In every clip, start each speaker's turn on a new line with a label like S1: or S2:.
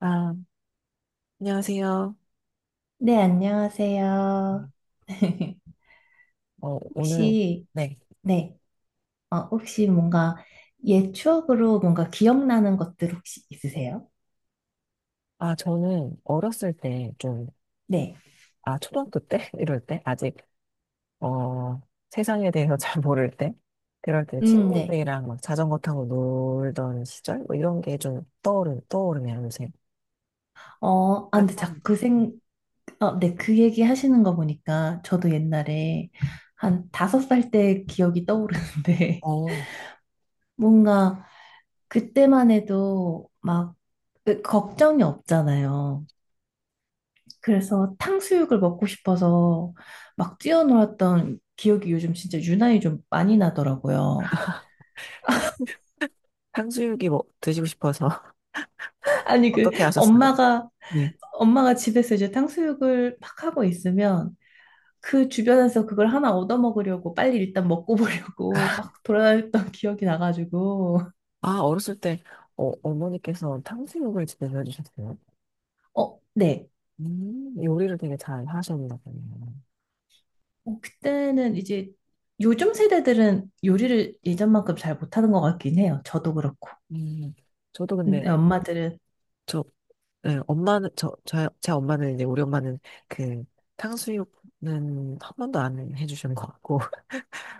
S1: 아, 안녕하세요.
S2: 네, 안녕하세요.
S1: 오늘,
S2: 혹시,
S1: 네.
S2: 네, 혹시 뭔가 옛 추억으로 뭔가 기억나는 것들 혹시 있으세요?
S1: 아, 저는 어렸을 때 좀,
S2: 네,
S1: 아, 초등학교 때? 이럴 때? 아직, 어, 세상에 대해서 잘 모를 때? 그럴 때
S2: 네.
S1: 친구들이랑 막 자전거 타고 놀던 시절? 뭐 이런 게 좀 떠오르네요, 요새. 아
S2: 근데
S1: 간
S2: 자꾸 네, 그 얘기 하시는 거 보니까 저도 옛날에 한 다섯 살 때 기억이 떠오르는데
S1: 어,
S2: 뭔가 그때만 해도 막 걱정이 없잖아요. 그래서 탕수육을 먹고 싶어서 막 뛰어놀았던 기억이 요즘 진짜 유난히 좀 많이 나더라고요.
S1: 탕, 탕수육이 뭐 드시고 싶어서
S2: 아니,
S1: 어떻게 하셨어요? 네.
S2: 엄마가 집에서 이제 탕수육을 막 하고 있으면 그 주변에서 그걸 하나 얻어먹으려고 빨리 일단 먹고 보려고 막 돌아다녔던 기억이 나가지고.
S1: 아, 어렸을 때, 어머니께서 탕수육을 집에서 해주셨어요.
S2: 네.
S1: 요리를 되게 잘 하셨나 보네요.
S2: 그때는 이제 요즘 세대들은 요리를 예전만큼 잘 못하는 것 같긴 해요. 저도 그렇고.
S1: 음, 저도 근데,
S2: 근데 엄마들은,
S1: 저, 예, 엄마는, 저, 저, 제 엄마는 이제, 우리 엄마는 그, 탕수육은 한 번도 안 해주신 것 같고,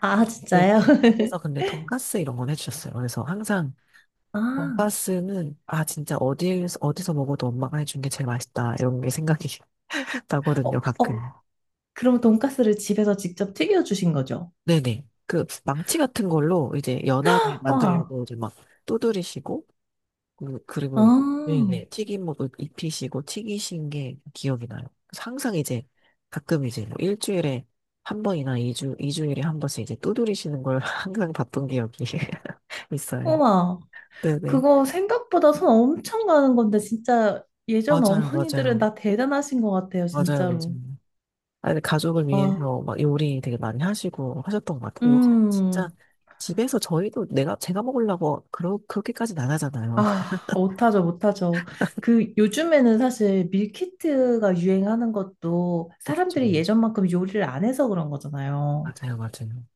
S2: 아,
S1: 네,
S2: 진짜요?
S1: 그래서 근데 돈가스 이런 건 해주셨어요. 그래서 항상
S2: 아,
S1: 돈가스는, 아, 진짜 어디서 먹어도 엄마가 해준 게 제일 맛있다, 이런 게 생각이
S2: 어,
S1: 나거든요, 가끔.
S2: 어, 그럼 돈가스를 집에서 직접 튀겨주신 거죠?
S1: 네네. 그, 망치 같은 걸로 이제 연하게
S2: 와,
S1: 만들려고 이제 막 두드리시고, 그리고
S2: 아,
S1: 네네 튀김옷 입히시고 튀기신 게 기억이 나요. 그래서 항상 이제 가끔 이제 뭐 일주일에 한 번이나 이주이주일에한 번씩 이제 두드리시는 걸 항상 봤던 기억이 있어요.
S2: 우와.
S1: 네네.
S2: 그거 생각보다 손 엄청 가는 건데, 진짜 예전
S1: 맞아요,
S2: 어머니들은
S1: 맞아요.
S2: 다 대단하신 것 같아요,
S1: 맞아요,
S2: 진짜로.
S1: 맞아요. 아니, 가족을
S2: 와,
S1: 위해서 막 요리 되게 많이 하시고 하셨던 것 같아요. 요새
S2: 음,
S1: 진짜 집에서 저희도 제가 먹으려고 그렇게까지는 안 하잖아요.
S2: 아, 못하죠, 못하죠. 그 요즘에는 사실 밀키트가 유행하는 것도 사람들이
S1: 그렇죠.
S2: 예전만큼 요리를 안 해서 그런 거잖아요.
S1: 맞아요, 맞아요.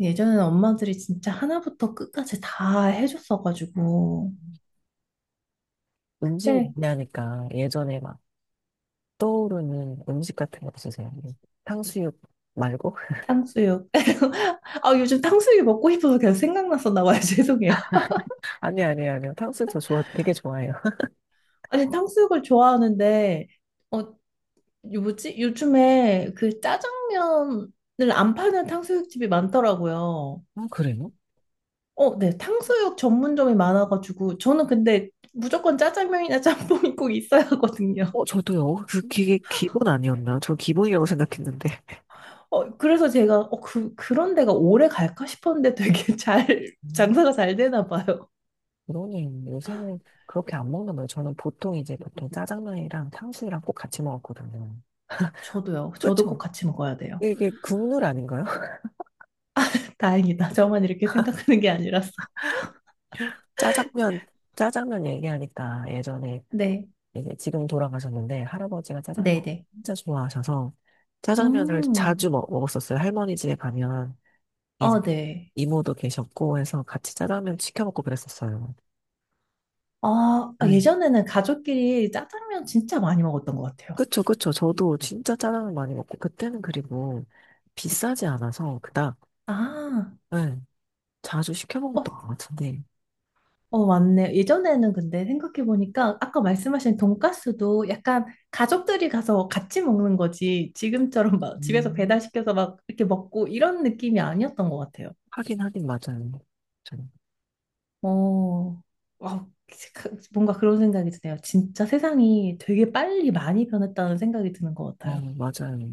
S2: 예전에는 엄마들이 진짜 하나부터 끝까지 다 해줬어가지고.
S1: 음식
S2: 네,
S1: 얘기하니까 예전에 막 떠오르는 음식 같은 거 없으세요? 탕수육 말고?
S2: 탕수육. 아, 요즘 탕수육이 먹고 싶어서 계속 생각났었나 봐요. 죄송해요.
S1: 아니, 아니, 아니요. 탕수육 저 좋아, 되게 좋아해요.
S2: 아니, 탕수육을 좋아하는데, 어, 요 뭐지? 요즘에 그 짜장면을 안 파는 탕수육집이 많더라고요.
S1: 아, 그래요?
S2: 어, 네. 탕수육 전문점이 많아가지고, 저는 근데 무조건 짜장면이나 짬뽕이 꼭 있어야 하거든요.
S1: 저도요. 그, 그게 기본 아니었나요? 저 기본이라고 생각했는데.
S2: 그래서 그런 데가 오래 갈까 싶었는데 되게 잘,
S1: 음,
S2: 장사가 잘 되나 봐요.
S1: 그러네. 요새는 그렇게 안 먹는 거예요. 저는 보통 이제 보통 짜장면이랑 탕수육이랑 꼭 같이 먹었거든요.
S2: 저도요. 저도 꼭
S1: 그쵸?
S2: 같이 먹어야 돼요.
S1: 이게 국룰 아닌가요?
S2: 다행이다. 저만 이렇게 생각하는 게 아니라서.
S1: 짜장면, 짜장면 얘기하니까 예전에
S2: 네.
S1: 이제 지금 돌아가셨는데 할아버지가 짜장면
S2: 네네.
S1: 진짜 좋아하셔서 짜장면을
S2: 음,
S1: 자주 먹었었어요. 할머니 집에 가면 이-
S2: 아, 네.
S1: 이모도 계셨고 해서 같이 짜장면 시켜 먹고 그랬었어요.
S2: 아, 아,
S1: 음.
S2: 예전에는 가족끼리 짜장면 진짜 많이 먹었던 것 같아요.
S1: 그쵸, 그쵸. 저도 진짜 짜장면 많이 먹고 그때는 그리고 비싸지 않아서 그닥
S2: 아,
S1: 네, 자주 시켜
S2: 어,
S1: 먹었던 것 같은데
S2: 맞네. 예전에는 근데 생각해보니까 아까 말씀하신 돈가스도 약간 가족들이 가서 같이 먹는 거지. 지금처럼 막 집에서
S1: 음.
S2: 배달시켜서 막 이렇게 먹고 이런 느낌이 아니었던 것 같아요.
S1: 하긴 하긴 맞아요. 저-
S2: 어, 와, 뭔가 그런 생각이 드네요. 진짜 세상이 되게 빨리 많이 변했다는 생각이 드는 것 같아요.
S1: 맞아요.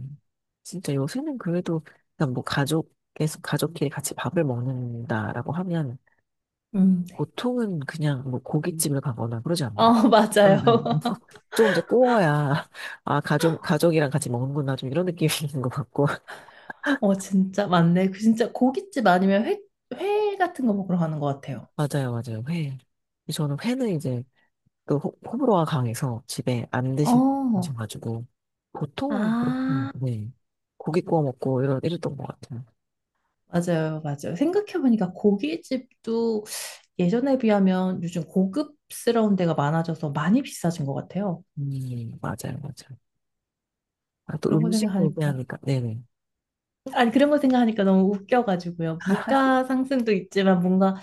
S1: 진짜 요새는 그래도 그냥 뭐 가족 계속 가족끼리 같이 밥을 먹는다라고 하면
S2: 네.
S1: 보통은 그냥 뭐 고깃집을 가거나 그러지
S2: 어,
S1: 않나요? 응,
S2: 맞아요.
S1: 응. 좀 이제 구워야, 아, 가족이랑 같이 먹는구나, 좀 이런 느낌이 있는 것 같고.
S2: 진짜 맞네. 그 진짜 고깃집 아니면 회, 회 같은 거 먹으러 가는 것 같아요.
S1: 맞아요, 맞아요. 회. 저는 회는 이제 그 호불호가 강해서 집에 안
S2: 어,
S1: 드셔가지고, 보통은 그렇군요.
S2: 아,
S1: 네. 고기 구워 먹고 이런, 이랬던 것 같아요.
S2: 맞아요, 맞아요. 생각해보니까 고깃집도 예전에 비하면 요즘 고급스러운 데가 많아져서 많이 비싸진 것 같아요.
S1: 맞아요, 맞아요. 아, 또
S2: 그런 거
S1: 음식
S2: 생각하니까.
S1: 얘기하니까, 네네.
S2: 아니, 그런 거 생각하니까 너무 웃겨가지고요. 물가 상승도 있지만 뭔가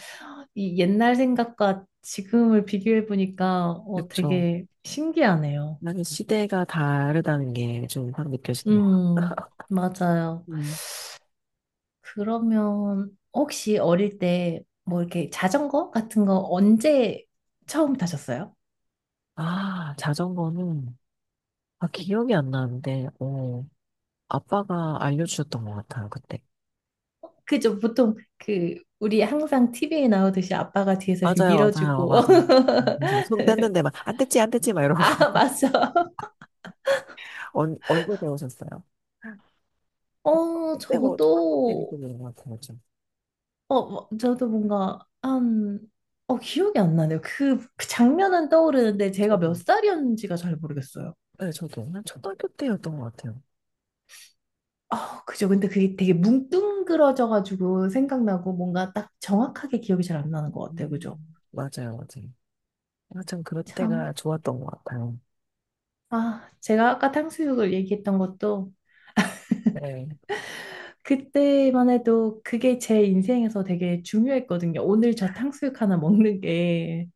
S2: 이 옛날 생각과 지금을 비교해보니까
S1: 그쵸.
S2: 되게 신기하네요.
S1: 나는 시대가 다르다는 게 좀 확 느껴지네요.
S2: 음, 맞아요. 그러면 혹시 어릴 때 뭐 이렇게 자전거 같은 거 언제 처음 타셨어요?
S1: 아, 자전거는, 아, 기억이 안 나는데, 아빠가 알려주셨던 것 같아요, 그때.
S2: 그죠? 보통 그 우리 항상 TV에 나오듯이 아빠가 뒤에서 이렇게
S1: 맞아요, 맞아요,
S2: 밀어주고
S1: 맞아요. 그래서 손 뗐는데 막, 안 뗐지, 안 뗐지, 막 이러고.
S2: 아 맞죠?
S1: 언제 배우셨어요?
S2: 어
S1: 그때 뭐, 초등학교 때
S2: 저도
S1: 배우는 것 같아요, 저.
S2: 저도 뭔가 한어 기억이 안 나네요. 그 장면은 떠오르는데 제가 몇
S1: 저도.
S2: 살이었는지가 잘 모르겠어요.
S1: 네, 저도. 한 초등학교 때였던 것 같아요.
S2: 아 그죠? 근데 그게 되게 뭉뚱그러져가지고 생각나고 뭔가 딱 정확하게 기억이 잘 안 나는 것 같아요. 그죠?
S1: 맞아요, 맞아요. 아, 참, 그럴 때가
S2: 참.
S1: 좋았던 것 같아요.
S2: 아, 제가 아까 탕수육을 얘기했던 것도
S1: 네.
S2: 그때만 해도 그게 제 인생에서 되게 중요했거든요. 오늘 저 탕수육 하나 먹는 게.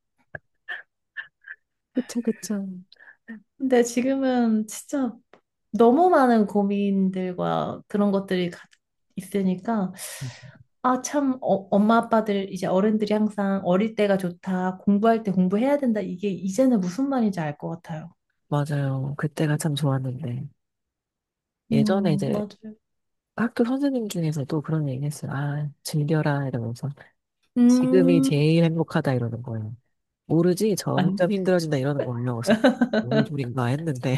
S1: 그쵸, 그쵸.
S2: 근데 지금은 진짜 너무 많은 고민들과 그런 것들이 있으니까 아, 참, 엄마 아빠들 이제 어른들이 항상 어릴 때가 좋다, 공부할 때 공부해야 된다. 이게 이제는 무슨 말인지 알 것 같아요.
S1: 맞아요. 그때가 참 좋았는데. 예전에 이제
S2: 맞아요.
S1: 학교 선생님 중에서도 그런 얘기 했어요. 아, 즐겨라 이러면서 지금이
S2: 음,
S1: 제일 행복하다 이러는 거예요. 모르지
S2: 만,
S1: 점점 힘들어진다 이러는 거예요. 그래서 뭔 소린가 했는데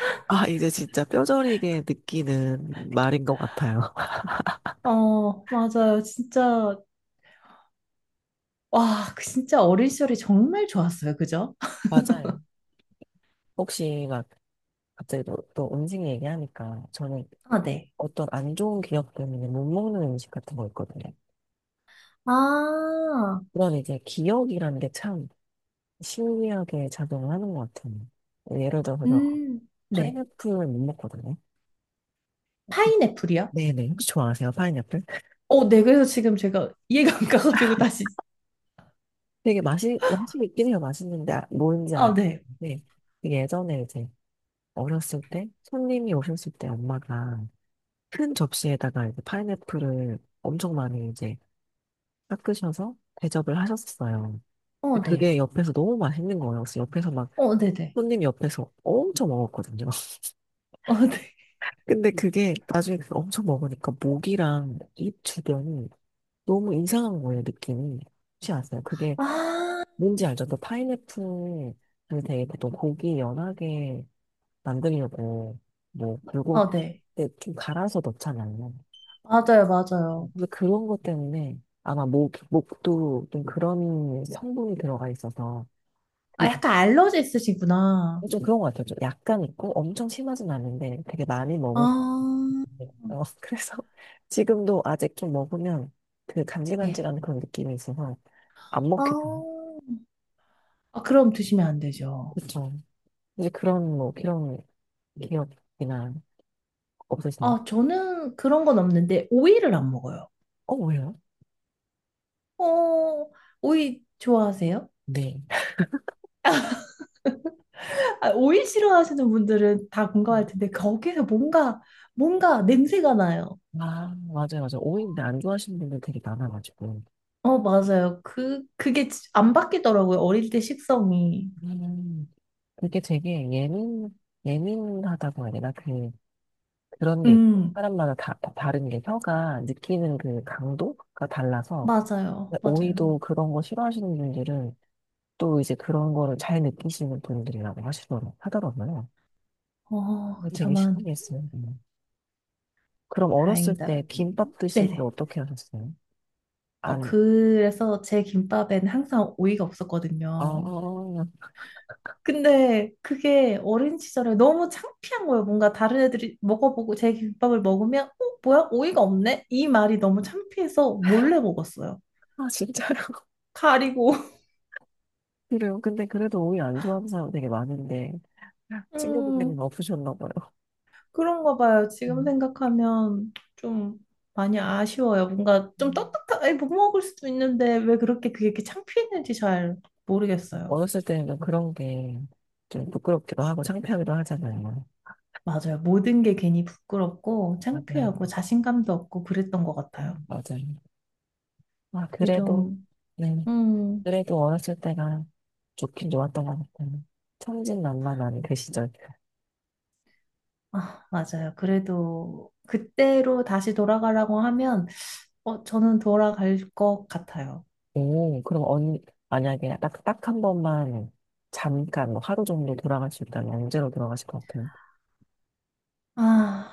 S1: 아, 이제 진짜 뼈저리게 느끼는 말인 것 같아요.
S2: 맞아요. 진짜 와, 그 진짜 어린 시절이 정말 좋았어요. 그죠?
S1: 맞아요. 혹시 막 갑자기 또, 또 음식 얘기하니까 저는
S2: 아, 네.
S1: 어떤 안 좋은 기억 때문에 못 먹는 음식 같은 거 있거든요.
S2: 아,
S1: 그런 이제 기억이라는 게 참 신기하게 작용을 하는 것 같아요. 예를 들어서 저
S2: 음, 네.
S1: 파인애플을 못 먹거든요.
S2: 파인애플이요?
S1: 네네. 혹시 좋아하세요? 파인애플?
S2: 어, 네. 그래서 지금 제가 이해가 안 가가지고 다시.
S1: 되게 맛이 있긴 해요. 맛있는데, 뭔지
S2: 아, 네.
S1: 아는데, 되게 예전에 이제 어렸을 때, 손님이 오셨을 때 엄마가 큰 접시에다가 이제 파인애플을 엄청 많이 이제 깎으셔서 대접을 하셨어요.
S2: 어,
S1: 근데
S2: 네.
S1: 그게 옆에서 너무 맛있는 거예요. 그래서 옆에서 막,
S2: 어, 네네.
S1: 손님 옆에서 엄청 먹었거든요.
S2: 어, 네.
S1: 근데 그게 나중에 그거 엄청 먹으니까 목이랑 입 주변이 너무 이상한 거예요, 느낌이. 혹시 아세요? 그게
S2: 아,
S1: 뭔지 알죠? 또 파인애플을 되게 보통 고기 연하게 만들려고 뭐 불고기
S2: 아, 네.
S1: 때좀 갈아서 넣잖아요.
S2: 맞아요, 맞아요.
S1: 근데 그런 것 때문에 아마 목도 좀 그런 성분이 들어가 있어서
S2: 아,
S1: 그-
S2: 약간 알러지 있으시구나.
S1: 좀 그런 것 같아요. 좀 약간 있고 엄청 심하진 않은데 되게 많이 먹을 것
S2: 아,
S1: 같아요. 어, 그래서 지금도 아직 좀 먹으면 그
S2: 네.
S1: 간질간질한 그런 느낌이 있어서 안 먹겠다.
S2: 아, 아, 그럼 드시면 안 되죠.
S1: 그렇죠. 이제 그런 뭐 그런 기억이나 없으시나요?
S2: 아, 저는 그런 건 없는데, 오이를 안 먹어요.
S1: 어, 왜요?
S2: 어, 오이 좋아하세요?
S1: 네.
S2: 아, 오이 싫어하시는 분들은 다 공감할
S1: 음.
S2: 텐데 거기서 뭔가 냄새가 나요.
S1: 아, 맞아요, 맞아요. 오이인데 안 좋아하시는 분들 되게 많아가지고.
S2: 어, 맞아요. 그게 안 바뀌더라고요. 어릴 때 식성이.
S1: 음, 그게 되게 예민하다고 해야 되나? 그, 그런 게 있고.
S2: 음,
S1: 사람마다 다 다른 게 혀가 느끼는 그 강도가 달라서.
S2: 맞아요.
S1: 오이도
S2: 맞아요.
S1: 그런 거 싫어하시는 분들은 또 이제 그런 거를 잘 느끼시는 분들이라고 하시더라고요. 하더라고요.
S2: 어,
S1: 근데 되게
S2: 저만
S1: 신기했어요. 음. 그럼 어렸을 때
S2: 다행이다.
S1: 김밥 드실 때
S2: 네네.
S1: 어떻게 하셨어요?
S2: 어,
S1: 안,
S2: 그래서 제 김밥엔 항상 오이가 없었거든요.
S1: 어,
S2: 근데 그게 어린 시절에 너무 창피한 거예요. 뭔가 다른 애들이 먹어보고 제 김밥을 먹으면 어, 뭐야? 오이가 없네? 이 말이 너무 창피해서 몰래 먹었어요.
S1: 아, 진짜요?
S2: 가리고.
S1: 그래요. 근데 그래도 오이 안 좋아하는 사람 되게 많은데, 친구분들은
S2: 음,
S1: 없으셨나 봐요.
S2: 그런가 봐요. 지금
S1: 음,
S2: 생각하면 좀 많이 아쉬워요. 뭔가 좀
S1: 음.
S2: 떳떳하게 못 먹을 수도 있는데 왜 그렇게 그게 이렇게 창피했는지 잘 모르겠어요.
S1: 어렸을 때는 그런 게 좀 부끄럽기도 하고 창피하기도 하잖아요.
S2: 맞아요. 모든 게 괜히 부끄럽고
S1: 네, 맞아요.
S2: 창피하고 자신감도 없고 그랬던 것 같아요.
S1: 맞아요. 아,
S2: 이게
S1: 그래도,
S2: 좀,
S1: 네.
S2: 음,
S1: 그래도 어렸을 때가 좋긴 좋았던 것 같아요. 천진난만한 그 시절.
S2: 아, 맞아요. 그래도 그때로 다시 돌아가라고 하면 어, 저는 돌아갈 것 같아요.
S1: 오, 그럼 만약에 딱, 딱 한 번만 잠깐, 뭐 하루 정도 돌아갈 수 있다면 언제로 돌아가실 것 같아요?
S2: 아,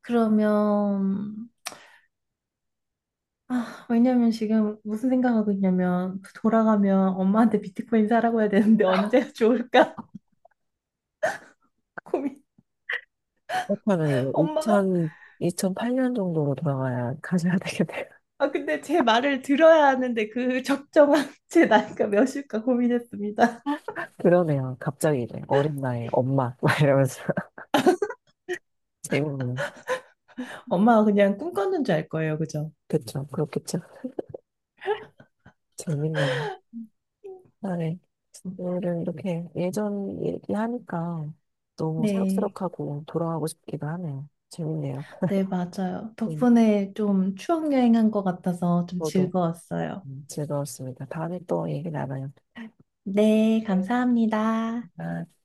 S2: 그러면 아, 왜냐면 지금 무슨 생각하고 있냐면 그 돌아가면 엄마한테 비트코인 사라고 해야 되는데 언제 좋을까? 고민.
S1: 그렇다면 이거 2
S2: 엄마가
S1: 0 0 2 0 8년 정도로 돌아가야 가셔야 되겠네요.
S2: 아 근데 제 말을 들어야 하는데 그 적정한 제 나이가 몇일까 고민했습니다.
S1: 그러네요. 갑자기 이제 어린 나이에 엄마, 막 이러면서. 재밌네요.
S2: 엄마가 그냥 꿈꿨는 줄 알 거예요, 그죠?
S1: 그쵸. 그렇겠죠. 재밌네요. 아, 네. 오늘은 이렇게 예전 얘기하니까 너무
S2: 네.
S1: 새록새록하고 돌아가고 싶기도 하네요. 재밌네요.
S2: 네, 맞아요.
S1: 네.
S2: 덕분에 좀 추억 여행한 것 같아서 좀
S1: 저도
S2: 즐거웠어요.
S1: 즐거웠습니다. 다음에 또 얘기 나눠요.
S2: 네,
S1: 네.
S2: 감사합니다.
S1: 아.